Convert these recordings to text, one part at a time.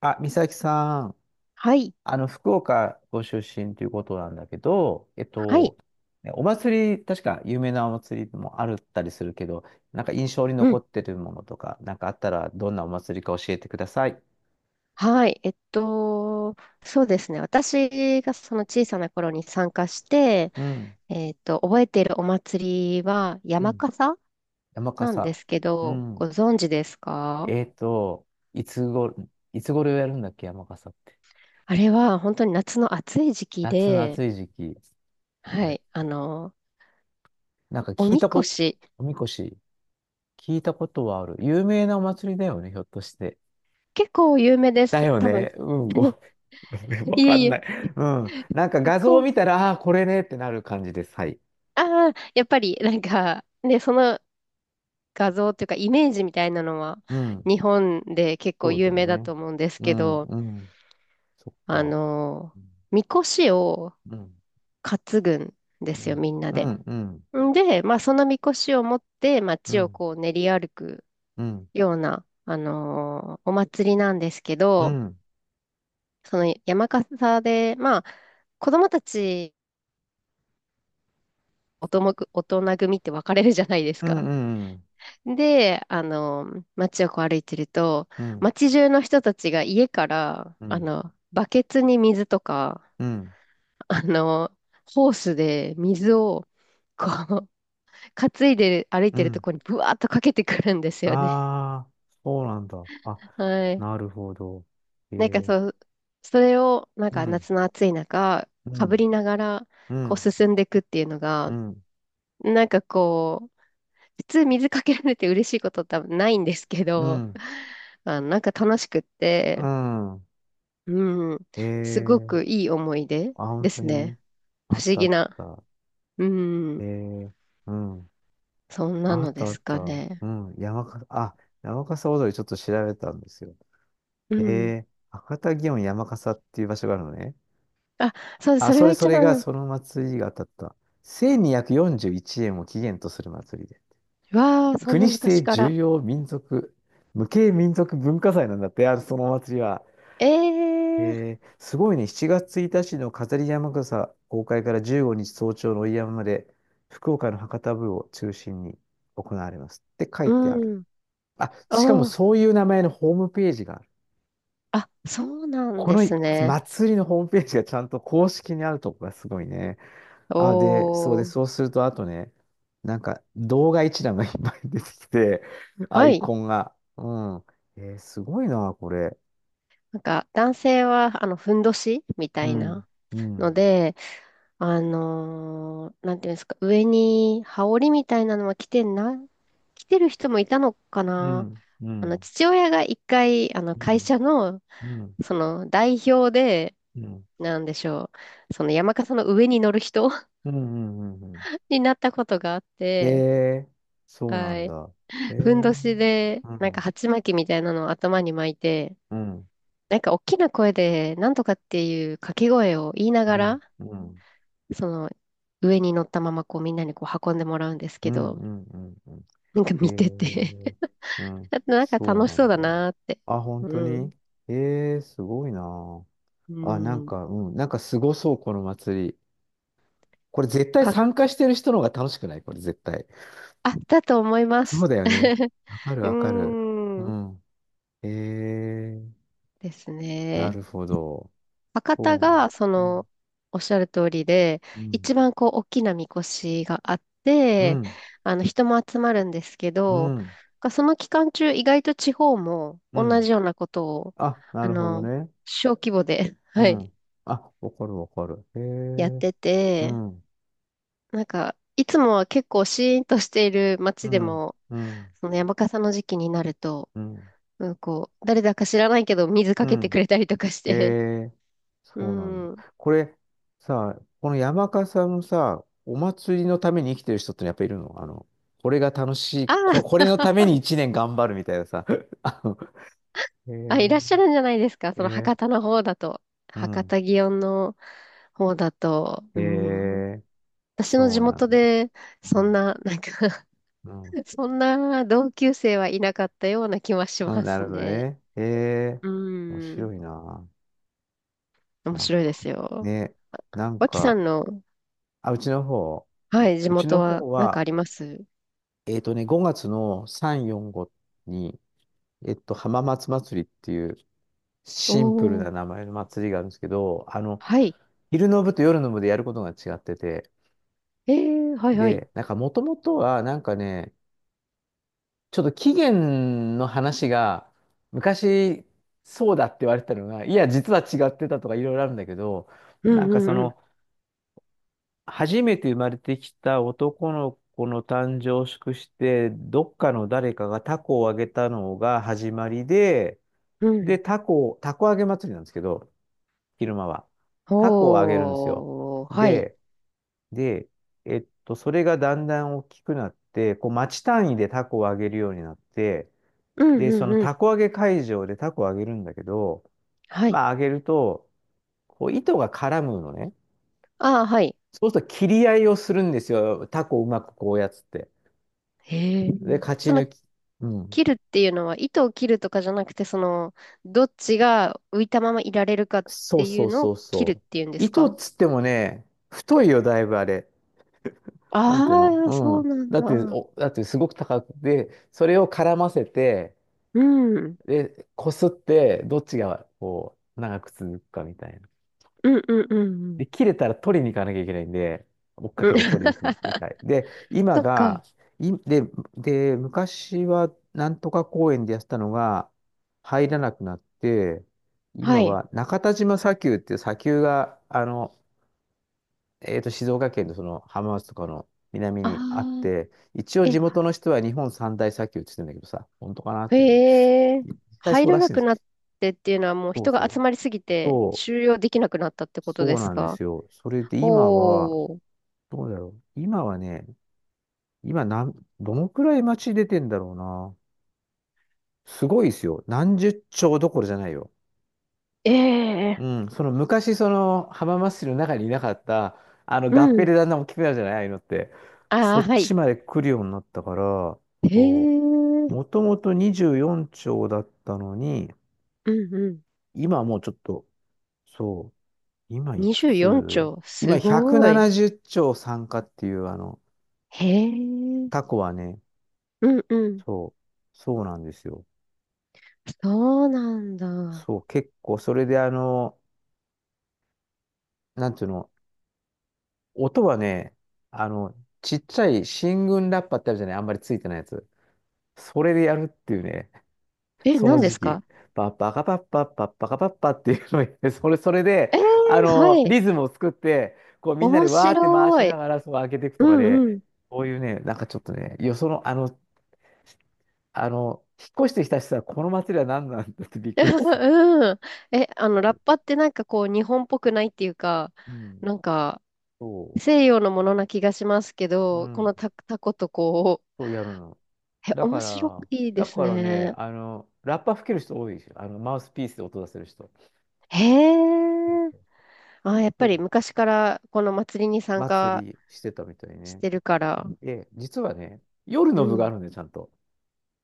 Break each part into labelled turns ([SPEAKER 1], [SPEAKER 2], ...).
[SPEAKER 1] あ、美咲さん、
[SPEAKER 2] はい。
[SPEAKER 1] 福岡ご出身ということなんだけど、
[SPEAKER 2] はい。
[SPEAKER 1] ねお祭り、確か有名なお祭りもあるったりするけど、なんか印象に
[SPEAKER 2] う
[SPEAKER 1] 残
[SPEAKER 2] ん。
[SPEAKER 1] ってるものとか、なんかあったらどんなお祭りか教えてください。
[SPEAKER 2] はい。そうですね。私がその小さな頃に参加して、
[SPEAKER 1] うん。
[SPEAKER 2] 覚えているお祭りは
[SPEAKER 1] う
[SPEAKER 2] 山
[SPEAKER 1] ん。
[SPEAKER 2] 笠
[SPEAKER 1] 山
[SPEAKER 2] なんで
[SPEAKER 1] 笠。
[SPEAKER 2] すけ
[SPEAKER 1] う
[SPEAKER 2] ど、ご
[SPEAKER 1] ん。
[SPEAKER 2] 存知ですか？
[SPEAKER 1] えっと、いつご、いつ頃やるんだっけ、山笠って。
[SPEAKER 2] あれは本当に夏の暑い時期
[SPEAKER 1] 夏の
[SPEAKER 2] で、
[SPEAKER 1] 暑い時期。あ
[SPEAKER 2] は
[SPEAKER 1] れ。
[SPEAKER 2] い。
[SPEAKER 1] なんか
[SPEAKER 2] お
[SPEAKER 1] 聞い
[SPEAKER 2] み
[SPEAKER 1] たこ
[SPEAKER 2] こ
[SPEAKER 1] と、
[SPEAKER 2] し、
[SPEAKER 1] おみこし、聞いたことはある。有名なお祭りだよね、ひょっとして。
[SPEAKER 2] 結構有名で
[SPEAKER 1] だ
[SPEAKER 2] す。
[SPEAKER 1] よ
[SPEAKER 2] 多分。
[SPEAKER 1] ね。うん。わ
[SPEAKER 2] いえ
[SPEAKER 1] か
[SPEAKER 2] い
[SPEAKER 1] んな
[SPEAKER 2] え。
[SPEAKER 1] い。うん。なんか
[SPEAKER 2] こ
[SPEAKER 1] 画像を
[SPEAKER 2] う、
[SPEAKER 1] 見たら、ああ、これねってなる感じです。はい。
[SPEAKER 2] ああ、やっぱり、画像っていうかイメージみたいなのは
[SPEAKER 1] うん。
[SPEAKER 2] 日本で結構
[SPEAKER 1] そうだ
[SPEAKER 2] 有
[SPEAKER 1] よ
[SPEAKER 2] 名だ
[SPEAKER 1] ね。
[SPEAKER 2] と思うんです
[SPEAKER 1] う
[SPEAKER 2] け
[SPEAKER 1] ん、
[SPEAKER 2] ど、
[SPEAKER 1] うん。そっ
[SPEAKER 2] あ
[SPEAKER 1] か。
[SPEAKER 2] の、
[SPEAKER 1] うん、
[SPEAKER 2] みこしを
[SPEAKER 1] うん、
[SPEAKER 2] 担ぐんで
[SPEAKER 1] う
[SPEAKER 2] すよ、
[SPEAKER 1] ん、
[SPEAKER 2] みんな
[SPEAKER 1] う
[SPEAKER 2] で。
[SPEAKER 1] ん、
[SPEAKER 2] んで、まあ、そのみこしを持って
[SPEAKER 1] う
[SPEAKER 2] 街を
[SPEAKER 1] ん、
[SPEAKER 2] こう練り歩く
[SPEAKER 1] うん、うん、
[SPEAKER 2] ような、お祭りなんですけ
[SPEAKER 1] う
[SPEAKER 2] ど、
[SPEAKER 1] ん、
[SPEAKER 2] その山笠で、まあ、子供たち、大人組って分かれるじゃないです
[SPEAKER 1] う
[SPEAKER 2] か。
[SPEAKER 1] ん、
[SPEAKER 2] で、街をこう歩いてると、
[SPEAKER 1] うん、
[SPEAKER 2] 街中の人たちが家から、
[SPEAKER 1] うん、
[SPEAKER 2] バケツに水とか、
[SPEAKER 1] うん、
[SPEAKER 2] あの、ホースで水を、こう、担いで歩い
[SPEAKER 1] う
[SPEAKER 2] てると
[SPEAKER 1] ん。
[SPEAKER 2] こにブワーっとかけてくるんですよね。
[SPEAKER 1] ああ、そうなんだ。あ、
[SPEAKER 2] はい。
[SPEAKER 1] なるほど。え
[SPEAKER 2] なんか
[SPEAKER 1] ー、
[SPEAKER 2] そう、それを、なん
[SPEAKER 1] う
[SPEAKER 2] か
[SPEAKER 1] ん、
[SPEAKER 2] 夏の暑い中、
[SPEAKER 1] う
[SPEAKER 2] かぶ
[SPEAKER 1] ん、
[SPEAKER 2] りながら、
[SPEAKER 1] う
[SPEAKER 2] こう
[SPEAKER 1] ん、
[SPEAKER 2] 進んでいくっていうの
[SPEAKER 1] う
[SPEAKER 2] が、
[SPEAKER 1] ん、
[SPEAKER 2] なんかこう、普通水かけられて嬉しいことって多分ないんですけ
[SPEAKER 1] う
[SPEAKER 2] ど、
[SPEAKER 1] ん、
[SPEAKER 2] なんか楽しくっ
[SPEAKER 1] う
[SPEAKER 2] て、
[SPEAKER 1] ん。
[SPEAKER 2] うん。
[SPEAKER 1] え
[SPEAKER 2] すご
[SPEAKER 1] ー、
[SPEAKER 2] くいい思い出
[SPEAKER 1] あ、本
[SPEAKER 2] で
[SPEAKER 1] 当
[SPEAKER 2] す
[SPEAKER 1] に、
[SPEAKER 2] ね。
[SPEAKER 1] あ
[SPEAKER 2] 不
[SPEAKER 1] っ
[SPEAKER 2] 思
[SPEAKER 1] たあ
[SPEAKER 2] 議
[SPEAKER 1] っ
[SPEAKER 2] な。
[SPEAKER 1] た。
[SPEAKER 2] う
[SPEAKER 1] え
[SPEAKER 2] ん。
[SPEAKER 1] ー、うん。
[SPEAKER 2] そんな
[SPEAKER 1] あ
[SPEAKER 2] の
[SPEAKER 1] った
[SPEAKER 2] で
[SPEAKER 1] あっ
[SPEAKER 2] す
[SPEAKER 1] た。
[SPEAKER 2] かね。
[SPEAKER 1] うん。山笠踊りちょっと調べたんですよ。
[SPEAKER 2] うん。
[SPEAKER 1] 博多祇園山笠っていう場所があるのね。
[SPEAKER 2] あ、そうです。
[SPEAKER 1] あ、
[SPEAKER 2] それ
[SPEAKER 1] そ
[SPEAKER 2] が
[SPEAKER 1] れそ
[SPEAKER 2] 一
[SPEAKER 1] れが
[SPEAKER 2] 番。
[SPEAKER 1] その祭りが当たった。1241円を起源とする祭りで。
[SPEAKER 2] わあ、そん
[SPEAKER 1] 国
[SPEAKER 2] な
[SPEAKER 1] 指
[SPEAKER 2] 昔
[SPEAKER 1] 定
[SPEAKER 2] から。
[SPEAKER 1] 重要民族、無形民族文化財なんだって、あるそのお祭りは。
[SPEAKER 2] ええ、
[SPEAKER 1] すごいね。7月1日の飾り山笠公開から15日早朝の追い山まで、福岡の博多部を中心に行われます。って書いてある。
[SPEAKER 2] うん。
[SPEAKER 1] あ、しかも
[SPEAKER 2] おー。
[SPEAKER 1] そういう名前のホームページがある。
[SPEAKER 2] あ、そうなん
[SPEAKER 1] こ
[SPEAKER 2] で
[SPEAKER 1] の
[SPEAKER 2] すね。
[SPEAKER 1] 祭りのホームページがちゃんと公式にあるとこがすごいね。あ、で、
[SPEAKER 2] お
[SPEAKER 1] そう
[SPEAKER 2] ー。
[SPEAKER 1] すると、あとね、なんか動画一覧がいっぱい出てきて、ア
[SPEAKER 2] は
[SPEAKER 1] イ
[SPEAKER 2] い。
[SPEAKER 1] コンが。うん。すごいな、これ。
[SPEAKER 2] なんか、男性は、ふんどしみた
[SPEAKER 1] う
[SPEAKER 2] い
[SPEAKER 1] ん、
[SPEAKER 2] な
[SPEAKER 1] う
[SPEAKER 2] の
[SPEAKER 1] ん、
[SPEAKER 2] で、なんていうんですか、上に羽織みたいなのは着てんな、着てる人もいたのか
[SPEAKER 1] う
[SPEAKER 2] な。
[SPEAKER 1] ん、うん、
[SPEAKER 2] 父親が一回、
[SPEAKER 1] う
[SPEAKER 2] 会
[SPEAKER 1] ん、
[SPEAKER 2] 社の、
[SPEAKER 1] うん。
[SPEAKER 2] その、代表で、
[SPEAKER 1] うん。
[SPEAKER 2] なんでしょう、その山笠の上に乗る人
[SPEAKER 1] うん、うん、うん、うん。
[SPEAKER 2] になったことがあっ
[SPEAKER 1] え
[SPEAKER 2] て、
[SPEAKER 1] え、そうな
[SPEAKER 2] は
[SPEAKER 1] ん
[SPEAKER 2] い。
[SPEAKER 1] だ。え
[SPEAKER 2] ふんどし
[SPEAKER 1] え、
[SPEAKER 2] で、
[SPEAKER 1] う
[SPEAKER 2] なんか
[SPEAKER 1] ん、
[SPEAKER 2] 鉢巻きみたいなのを頭に巻いて、
[SPEAKER 1] うん、
[SPEAKER 2] なんか大きな声で、なんとかっていう掛け声を言いなが
[SPEAKER 1] う
[SPEAKER 2] ら、
[SPEAKER 1] ん、うん、うん、
[SPEAKER 2] その、上に乗ったまま、こう、みんなにこう、運んでもらうんです
[SPEAKER 1] う
[SPEAKER 2] け
[SPEAKER 1] ん、
[SPEAKER 2] ど、
[SPEAKER 1] うん。うん
[SPEAKER 2] なんか
[SPEAKER 1] え
[SPEAKER 2] 見てて
[SPEAKER 1] え、うん、
[SPEAKER 2] あとなんか
[SPEAKER 1] そう
[SPEAKER 2] 楽し
[SPEAKER 1] な
[SPEAKER 2] そう
[SPEAKER 1] ん
[SPEAKER 2] だ
[SPEAKER 1] だ。
[SPEAKER 2] なーって。
[SPEAKER 1] あ、本
[SPEAKER 2] う
[SPEAKER 1] 当
[SPEAKER 2] ん。
[SPEAKER 1] にええ、すごいな。
[SPEAKER 2] う
[SPEAKER 1] あ、なん
[SPEAKER 2] ん。
[SPEAKER 1] か、うん、なんかすごそう、この祭り。これ絶対
[SPEAKER 2] か、
[SPEAKER 1] 参加してる人の方が楽しくないこれ絶対。
[SPEAKER 2] あ、だと思いま
[SPEAKER 1] そう
[SPEAKER 2] す。
[SPEAKER 1] だよね。わかる、
[SPEAKER 2] うー
[SPEAKER 1] わかる。う
[SPEAKER 2] ん。
[SPEAKER 1] ん。ええ、
[SPEAKER 2] です
[SPEAKER 1] な
[SPEAKER 2] ね。
[SPEAKER 1] るほど。
[SPEAKER 2] 博多
[SPEAKER 1] そう。
[SPEAKER 2] が、そ
[SPEAKER 1] う
[SPEAKER 2] の、
[SPEAKER 1] ん、
[SPEAKER 2] おっしゃる通りで、
[SPEAKER 1] うん。
[SPEAKER 2] 一番こう、大きなみこしがあっ
[SPEAKER 1] う
[SPEAKER 2] て、
[SPEAKER 1] ん
[SPEAKER 2] 人も集まるんですけ
[SPEAKER 1] う
[SPEAKER 2] ど、
[SPEAKER 1] ん。
[SPEAKER 2] がその期間中、意外と地方も
[SPEAKER 1] う
[SPEAKER 2] 同
[SPEAKER 1] ん。
[SPEAKER 2] じようなことを、
[SPEAKER 1] あ、な
[SPEAKER 2] あ
[SPEAKER 1] るほど
[SPEAKER 2] の、
[SPEAKER 1] ね。
[SPEAKER 2] 小規模で、
[SPEAKER 1] う
[SPEAKER 2] はい、
[SPEAKER 1] ん。あ、わかるわかる。へ
[SPEAKER 2] やっ
[SPEAKER 1] え。
[SPEAKER 2] て
[SPEAKER 1] う
[SPEAKER 2] て、
[SPEAKER 1] ん。
[SPEAKER 2] なんか、いつもは結構シーンとしている
[SPEAKER 1] う
[SPEAKER 2] 街で
[SPEAKER 1] ん。
[SPEAKER 2] も、
[SPEAKER 1] うん。
[SPEAKER 2] その山笠の時期になると、
[SPEAKER 1] うん。
[SPEAKER 2] うん、こう、誰だか知らないけど水
[SPEAKER 1] う
[SPEAKER 2] かけてく
[SPEAKER 1] ん。
[SPEAKER 2] れたりとかし
[SPEAKER 1] へ
[SPEAKER 2] て、
[SPEAKER 1] え。
[SPEAKER 2] う
[SPEAKER 1] そうなんだ。
[SPEAKER 2] ん。
[SPEAKER 1] これ、さ、この山笠さんもさ、お祭りのために生きてる人ってやっぱいるのこれが楽しい、
[SPEAKER 2] あ
[SPEAKER 1] こ
[SPEAKER 2] ー、
[SPEAKER 1] れのために1年頑張るみたいなさ。あの、
[SPEAKER 2] あ、いらっ
[SPEAKER 1] へ
[SPEAKER 2] しゃるんじゃないですか、
[SPEAKER 1] え。へ
[SPEAKER 2] その
[SPEAKER 1] え。
[SPEAKER 2] 博多の方だと。
[SPEAKER 1] う
[SPEAKER 2] 博
[SPEAKER 1] ん。
[SPEAKER 2] 多祇園の方だと、
[SPEAKER 1] へ
[SPEAKER 2] うん。
[SPEAKER 1] え。
[SPEAKER 2] 私の
[SPEAKER 1] そ
[SPEAKER 2] 地
[SPEAKER 1] うなん
[SPEAKER 2] 元
[SPEAKER 1] だ。
[SPEAKER 2] で、
[SPEAKER 1] う
[SPEAKER 2] そん
[SPEAKER 1] ん。
[SPEAKER 2] な、なんか
[SPEAKER 1] うん
[SPEAKER 2] そんな同級生はいなかったような気はし
[SPEAKER 1] う
[SPEAKER 2] ま
[SPEAKER 1] ん、な
[SPEAKER 2] す
[SPEAKER 1] るほど
[SPEAKER 2] ね。
[SPEAKER 1] ね。ええ
[SPEAKER 2] う
[SPEAKER 1] 面白
[SPEAKER 2] ん。
[SPEAKER 1] いな。
[SPEAKER 2] 面
[SPEAKER 1] なん
[SPEAKER 2] 白いで
[SPEAKER 1] か、
[SPEAKER 2] すよ。
[SPEAKER 1] ね、なん
[SPEAKER 2] 脇さ
[SPEAKER 1] か、
[SPEAKER 2] んの
[SPEAKER 1] あ、うちの方、
[SPEAKER 2] はい、地
[SPEAKER 1] うち
[SPEAKER 2] 元
[SPEAKER 1] の
[SPEAKER 2] は
[SPEAKER 1] 方
[SPEAKER 2] なんかあ
[SPEAKER 1] は、
[SPEAKER 2] ります？
[SPEAKER 1] 5月の3、4、5に、浜松祭りっていうシンプル
[SPEAKER 2] おー、
[SPEAKER 1] な名前の祭りがあるんですけど、
[SPEAKER 2] はい。
[SPEAKER 1] 昼の部と夜の部でやることが違ってて、
[SPEAKER 2] えー、はいはい。
[SPEAKER 1] で、なんか、もともとは、なんかね、ちょっと起源の話が、昔、そうだって言われてたのが、いや、実は違ってたとかいろいろあるんだけど、
[SPEAKER 2] う
[SPEAKER 1] なんかそ
[SPEAKER 2] んう
[SPEAKER 1] の、
[SPEAKER 2] ん
[SPEAKER 1] 初めて生まれてきた男の子の誕生を祝して、どっかの誰かがタコをあげたのが始まりで、
[SPEAKER 2] うん。う
[SPEAKER 1] で、
[SPEAKER 2] ん。
[SPEAKER 1] タコあげ祭りなんですけど、昼間は。タコをあげるんですよ。
[SPEAKER 2] おー、はい。
[SPEAKER 1] で、で、それがだんだん大きくなって、こう、町単位でタコをあげるようになって、
[SPEAKER 2] うん
[SPEAKER 1] で、
[SPEAKER 2] う
[SPEAKER 1] そ
[SPEAKER 2] ん
[SPEAKER 1] の
[SPEAKER 2] うん。
[SPEAKER 1] タコあげ会場でタコをあげるんだけど、
[SPEAKER 2] はい。
[SPEAKER 1] まあ、あげると、こう、糸が絡むのね。
[SPEAKER 2] ああ、はい。
[SPEAKER 1] そうすると、切り合いをするんですよ。タコをうまくこうやっつって。
[SPEAKER 2] へえ。
[SPEAKER 1] で、勝ち
[SPEAKER 2] その、
[SPEAKER 1] 抜き。うん。
[SPEAKER 2] 切るっていうのは、糸を切るとかじゃなくて、その、どっちが浮いたままいられるかっ
[SPEAKER 1] そ
[SPEAKER 2] て
[SPEAKER 1] う
[SPEAKER 2] い
[SPEAKER 1] そ
[SPEAKER 2] う
[SPEAKER 1] う
[SPEAKER 2] のを
[SPEAKER 1] そう
[SPEAKER 2] 切るっ
[SPEAKER 1] そう。
[SPEAKER 2] ていうんです
[SPEAKER 1] 糸っ
[SPEAKER 2] か？
[SPEAKER 1] つってもね、太いよ、だいぶあれ。なんていう
[SPEAKER 2] あ
[SPEAKER 1] の
[SPEAKER 2] あー、
[SPEAKER 1] う
[SPEAKER 2] そ
[SPEAKER 1] ん。
[SPEAKER 2] うなん
[SPEAKER 1] だって、
[SPEAKER 2] だ。
[SPEAKER 1] お、だってすごく高くて、それを絡ませて、
[SPEAKER 2] うん。うん
[SPEAKER 1] で、こすって、どっちがこう、長く続くかみたい
[SPEAKER 2] うんうんう
[SPEAKER 1] で、
[SPEAKER 2] ん。
[SPEAKER 1] 切れたら取りに行かなきゃいけないんで、追っか
[SPEAKER 2] うん。
[SPEAKER 1] けて取りに行く みたい。で、今
[SPEAKER 2] そっか。
[SPEAKER 1] が、い、で、昔はなんとか公園でやってたのが入らなくなって、
[SPEAKER 2] は
[SPEAKER 1] 今
[SPEAKER 2] い。
[SPEAKER 1] は中田島砂丘っていう砂丘が、静岡県のその浜松とかの南
[SPEAKER 2] あ
[SPEAKER 1] にあっ
[SPEAKER 2] あ。
[SPEAKER 1] て、一応地
[SPEAKER 2] え、
[SPEAKER 1] 元の人は日本三大砂丘って言ってるんだけどさ、本当かなっていうね。
[SPEAKER 2] へえ、
[SPEAKER 1] いや実際
[SPEAKER 2] 入
[SPEAKER 1] そう
[SPEAKER 2] ら
[SPEAKER 1] ら
[SPEAKER 2] な
[SPEAKER 1] しいんで
[SPEAKER 2] く
[SPEAKER 1] すよ。
[SPEAKER 2] なってっていうのはもう
[SPEAKER 1] そう
[SPEAKER 2] 人
[SPEAKER 1] そ
[SPEAKER 2] が集
[SPEAKER 1] う。
[SPEAKER 2] まりすぎて
[SPEAKER 1] そう
[SPEAKER 2] 収容できなくなったってこと
[SPEAKER 1] そ
[SPEAKER 2] で
[SPEAKER 1] う
[SPEAKER 2] す
[SPEAKER 1] なんで
[SPEAKER 2] か？
[SPEAKER 1] すよ。それで今は、
[SPEAKER 2] おー、
[SPEAKER 1] どうだろう。今はね、今なん、どのくらい街出てんだろうな。すごいですよ。何十兆どころじゃないよ。
[SPEAKER 2] ええ、
[SPEAKER 1] うん。その昔、その浜松市の中にいなかった、あの
[SPEAKER 2] う
[SPEAKER 1] 合併
[SPEAKER 2] ん、
[SPEAKER 1] でだんだん大きくなるじゃない、ああいうのって。
[SPEAKER 2] あ
[SPEAKER 1] そ
[SPEAKER 2] あ、
[SPEAKER 1] っ
[SPEAKER 2] はい。
[SPEAKER 1] ちまで来るようになったから、
[SPEAKER 2] へ
[SPEAKER 1] そ
[SPEAKER 2] え、う
[SPEAKER 1] う。
[SPEAKER 2] ん
[SPEAKER 1] もともと24兆だったのに、
[SPEAKER 2] うん。
[SPEAKER 1] 今はもうちょっと、そう。今いく
[SPEAKER 2] 24
[SPEAKER 1] つ
[SPEAKER 2] 兆、
[SPEAKER 1] 今
[SPEAKER 2] すごい。
[SPEAKER 1] 170兆参加っていう、
[SPEAKER 2] へえ、う
[SPEAKER 1] タ
[SPEAKER 2] ん
[SPEAKER 1] コはね、
[SPEAKER 2] うん。
[SPEAKER 1] そう。そうなんですよ。
[SPEAKER 2] そうなんだ。
[SPEAKER 1] そう、結構、それでなんていうの、音はね、あの、ちっちゃい進軍ラッパってあるじゃない、あんまりついてないやつ。それでやるっていうね、
[SPEAKER 2] え、
[SPEAKER 1] その
[SPEAKER 2] 何で
[SPEAKER 1] 時
[SPEAKER 2] す
[SPEAKER 1] 期。
[SPEAKER 2] か？
[SPEAKER 1] パッパカパッパッパッパカパッパっていうのをやってそれ、で、
[SPEAKER 2] ええ、はい。
[SPEAKER 1] リズムを作って、こうみんなで
[SPEAKER 2] 面
[SPEAKER 1] わーって回
[SPEAKER 2] 白
[SPEAKER 1] しな
[SPEAKER 2] い。
[SPEAKER 1] がら、そう開けていくと
[SPEAKER 2] う
[SPEAKER 1] か
[SPEAKER 2] んう
[SPEAKER 1] で、
[SPEAKER 2] ん。
[SPEAKER 1] こういうね、なんかちょっとね、よその、あの、あの、引っ越してきた人はこの祭りは何なんだってびっくり する。
[SPEAKER 2] うん。え、ラッパってなんかこう、日本っぽくないっていうか、
[SPEAKER 1] うん、
[SPEAKER 2] なんか、
[SPEAKER 1] そ
[SPEAKER 2] 西洋のものな気がしますけ
[SPEAKER 1] う、う
[SPEAKER 2] ど、こ
[SPEAKER 1] ん、
[SPEAKER 2] のタ、タコとこ
[SPEAKER 1] そうやるの。
[SPEAKER 2] う、え、
[SPEAKER 1] だ
[SPEAKER 2] 面
[SPEAKER 1] か
[SPEAKER 2] 白
[SPEAKER 1] ら、
[SPEAKER 2] いで
[SPEAKER 1] だ
[SPEAKER 2] す
[SPEAKER 1] からね、
[SPEAKER 2] ね。
[SPEAKER 1] ラッパ吹ける人多いですよ。マウスピースで音出せる人。
[SPEAKER 2] へえ。あ、やっ
[SPEAKER 1] そ
[SPEAKER 2] ぱ
[SPEAKER 1] う
[SPEAKER 2] り昔からこの祭りに参
[SPEAKER 1] 祭
[SPEAKER 2] 加
[SPEAKER 1] りしてたみたい
[SPEAKER 2] し
[SPEAKER 1] ね。
[SPEAKER 2] てるから。
[SPEAKER 1] で、実はね、夜
[SPEAKER 2] う
[SPEAKER 1] の部があ
[SPEAKER 2] ん。
[SPEAKER 1] るんで、ちゃんと。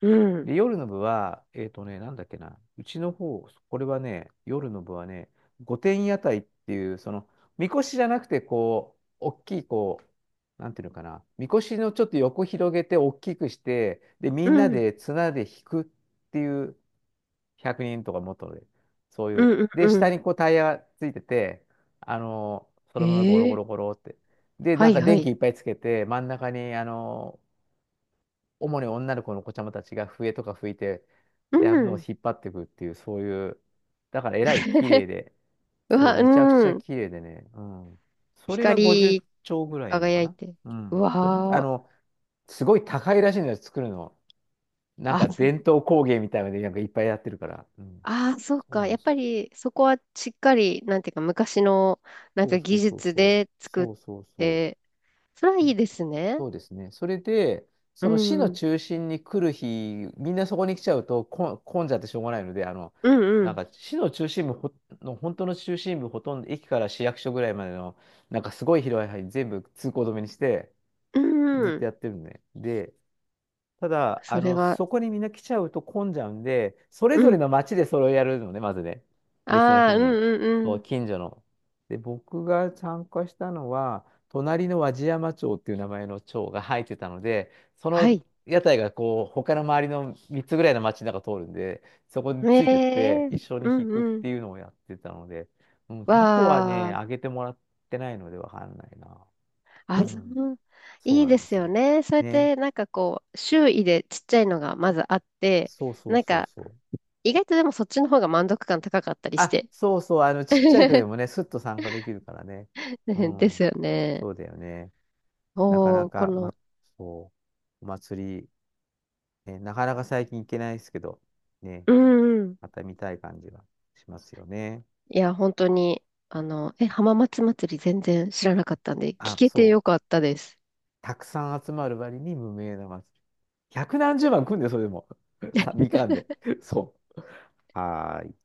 [SPEAKER 2] うん。
[SPEAKER 1] で、夜の部は、なんだっけな、うちの方、これはね、夜の部はね、御殿屋台っていう、その、みこしじゃなくて、こう、大きい、こう、なんていうのかな、みこしのちょっと横広げて、大きくして、で、み
[SPEAKER 2] う
[SPEAKER 1] んな
[SPEAKER 2] ん。
[SPEAKER 1] で綱で引くっていう、100人とかもっとで、そうい
[SPEAKER 2] う
[SPEAKER 1] う。
[SPEAKER 2] ん。
[SPEAKER 1] で、
[SPEAKER 2] う
[SPEAKER 1] 下
[SPEAKER 2] ん。
[SPEAKER 1] にこうタイヤがついてて、そ
[SPEAKER 2] へ
[SPEAKER 1] のままゴロゴ
[SPEAKER 2] え。
[SPEAKER 1] ロゴロって。で、
[SPEAKER 2] は
[SPEAKER 1] なん
[SPEAKER 2] い
[SPEAKER 1] か
[SPEAKER 2] は
[SPEAKER 1] 電
[SPEAKER 2] い。
[SPEAKER 1] 気いっぱいつけて、真ん中に、主に女の子の子ちゃまたちが笛とか吹いて、
[SPEAKER 2] う
[SPEAKER 1] やるのを
[SPEAKER 2] ん。
[SPEAKER 1] 引っ張っていくっていう、そういう、だからえらい綺麗 で、
[SPEAKER 2] う
[SPEAKER 1] そう、
[SPEAKER 2] わ、
[SPEAKER 1] めちゃくち
[SPEAKER 2] う
[SPEAKER 1] ゃ
[SPEAKER 2] ん。
[SPEAKER 1] 綺麗でね、うん。それは
[SPEAKER 2] 光
[SPEAKER 1] 50
[SPEAKER 2] り
[SPEAKER 1] 兆ぐらいなのか
[SPEAKER 2] 輝い
[SPEAKER 1] な
[SPEAKER 2] て。
[SPEAKER 1] う
[SPEAKER 2] う
[SPEAKER 1] ん。そう、
[SPEAKER 2] わー。
[SPEAKER 1] すごい高いらしいのです作るの。なん
[SPEAKER 2] あ、
[SPEAKER 1] か伝統工芸みたいなので、なんかいっぱいやってるから。うん。
[SPEAKER 2] あー、そう
[SPEAKER 1] そう
[SPEAKER 2] か。
[SPEAKER 1] なん
[SPEAKER 2] やっ
[SPEAKER 1] です
[SPEAKER 2] ぱりそこはしっかり、なんていうか、昔のなん
[SPEAKER 1] そう
[SPEAKER 2] か
[SPEAKER 1] そ
[SPEAKER 2] 技
[SPEAKER 1] うそう
[SPEAKER 2] 術
[SPEAKER 1] そう。
[SPEAKER 2] で作
[SPEAKER 1] そ
[SPEAKER 2] っ
[SPEAKER 1] うそうそう。
[SPEAKER 2] て、それはいいですね。
[SPEAKER 1] そうですね。それで、
[SPEAKER 2] う
[SPEAKER 1] その市の
[SPEAKER 2] ん。
[SPEAKER 1] 中心に来る日、みんなそこに来ちゃうとこ混んじゃってしょうがないので、
[SPEAKER 2] うんう
[SPEAKER 1] なん
[SPEAKER 2] ん。
[SPEAKER 1] か市の中心部ほの、本当の中心部、ほとんど駅から市役所ぐらいまでの、なんかすごい広い範囲全部通行止めにして、
[SPEAKER 2] うん
[SPEAKER 1] ずっ
[SPEAKER 2] う
[SPEAKER 1] と
[SPEAKER 2] ん。
[SPEAKER 1] やってるんで。で、ただ、
[SPEAKER 2] それは、
[SPEAKER 1] そこにみんな来ちゃうと混んじゃうんで、それ
[SPEAKER 2] う
[SPEAKER 1] ぞれ
[SPEAKER 2] ん。
[SPEAKER 1] の町でそれをやるのね、まずね。別の
[SPEAKER 2] あ
[SPEAKER 1] 日
[SPEAKER 2] あ、うん
[SPEAKER 1] に。
[SPEAKER 2] うん
[SPEAKER 1] そ
[SPEAKER 2] う
[SPEAKER 1] う、
[SPEAKER 2] ん。
[SPEAKER 1] 近所の。で、僕が参加したのは、隣の和地山町っていう名前の町が入ってたので、そ
[SPEAKER 2] は
[SPEAKER 1] の
[SPEAKER 2] い。
[SPEAKER 1] 屋台がこう、他の周りの3つぐらいの町の中通るんで、そこに
[SPEAKER 2] え
[SPEAKER 1] ついてって、
[SPEAKER 2] え、
[SPEAKER 1] 一緒
[SPEAKER 2] う
[SPEAKER 1] に弾
[SPEAKER 2] ん
[SPEAKER 1] くっ
[SPEAKER 2] うん。
[SPEAKER 1] ていうのをやってたので、うん、タコは
[SPEAKER 2] わ
[SPEAKER 1] ね、
[SPEAKER 2] あ、
[SPEAKER 1] あげてもらってないのでわかんないな。う
[SPEAKER 2] あ、そ
[SPEAKER 1] ん、
[SPEAKER 2] う、
[SPEAKER 1] そう
[SPEAKER 2] いい
[SPEAKER 1] な
[SPEAKER 2] で
[SPEAKER 1] んで
[SPEAKER 2] す
[SPEAKER 1] す。
[SPEAKER 2] よね。そうやっ
[SPEAKER 1] ね。
[SPEAKER 2] て、なんかこう、周囲でちっちゃいのがまずあって、
[SPEAKER 1] そうそう
[SPEAKER 2] なん
[SPEAKER 1] そう
[SPEAKER 2] か、
[SPEAKER 1] そう。
[SPEAKER 2] 意外とでもそっちの方が満足感高かったりし
[SPEAKER 1] あ、
[SPEAKER 2] て。
[SPEAKER 1] そうそう、ちっちゃい子で もね、すっと参加できるからね。う
[SPEAKER 2] です
[SPEAKER 1] ん、
[SPEAKER 2] よね。
[SPEAKER 1] そうだよね。なかな
[SPEAKER 2] おー、こ
[SPEAKER 1] か、ま、
[SPEAKER 2] の、
[SPEAKER 1] そう、お祭り、ね、なかなか最近行けないですけど、ね、
[SPEAKER 2] うんうん。
[SPEAKER 1] また見たい感じがしますよね。
[SPEAKER 2] いや、本当に、え、浜松祭り全然知らなかったんで、聞
[SPEAKER 1] あ、
[SPEAKER 2] け
[SPEAKER 1] そ
[SPEAKER 2] て
[SPEAKER 1] う、
[SPEAKER 2] よかったです。
[SPEAKER 1] たくさん集まる割に無名な祭り。百何十万来んで、それでも。みかんで。そう。はーい。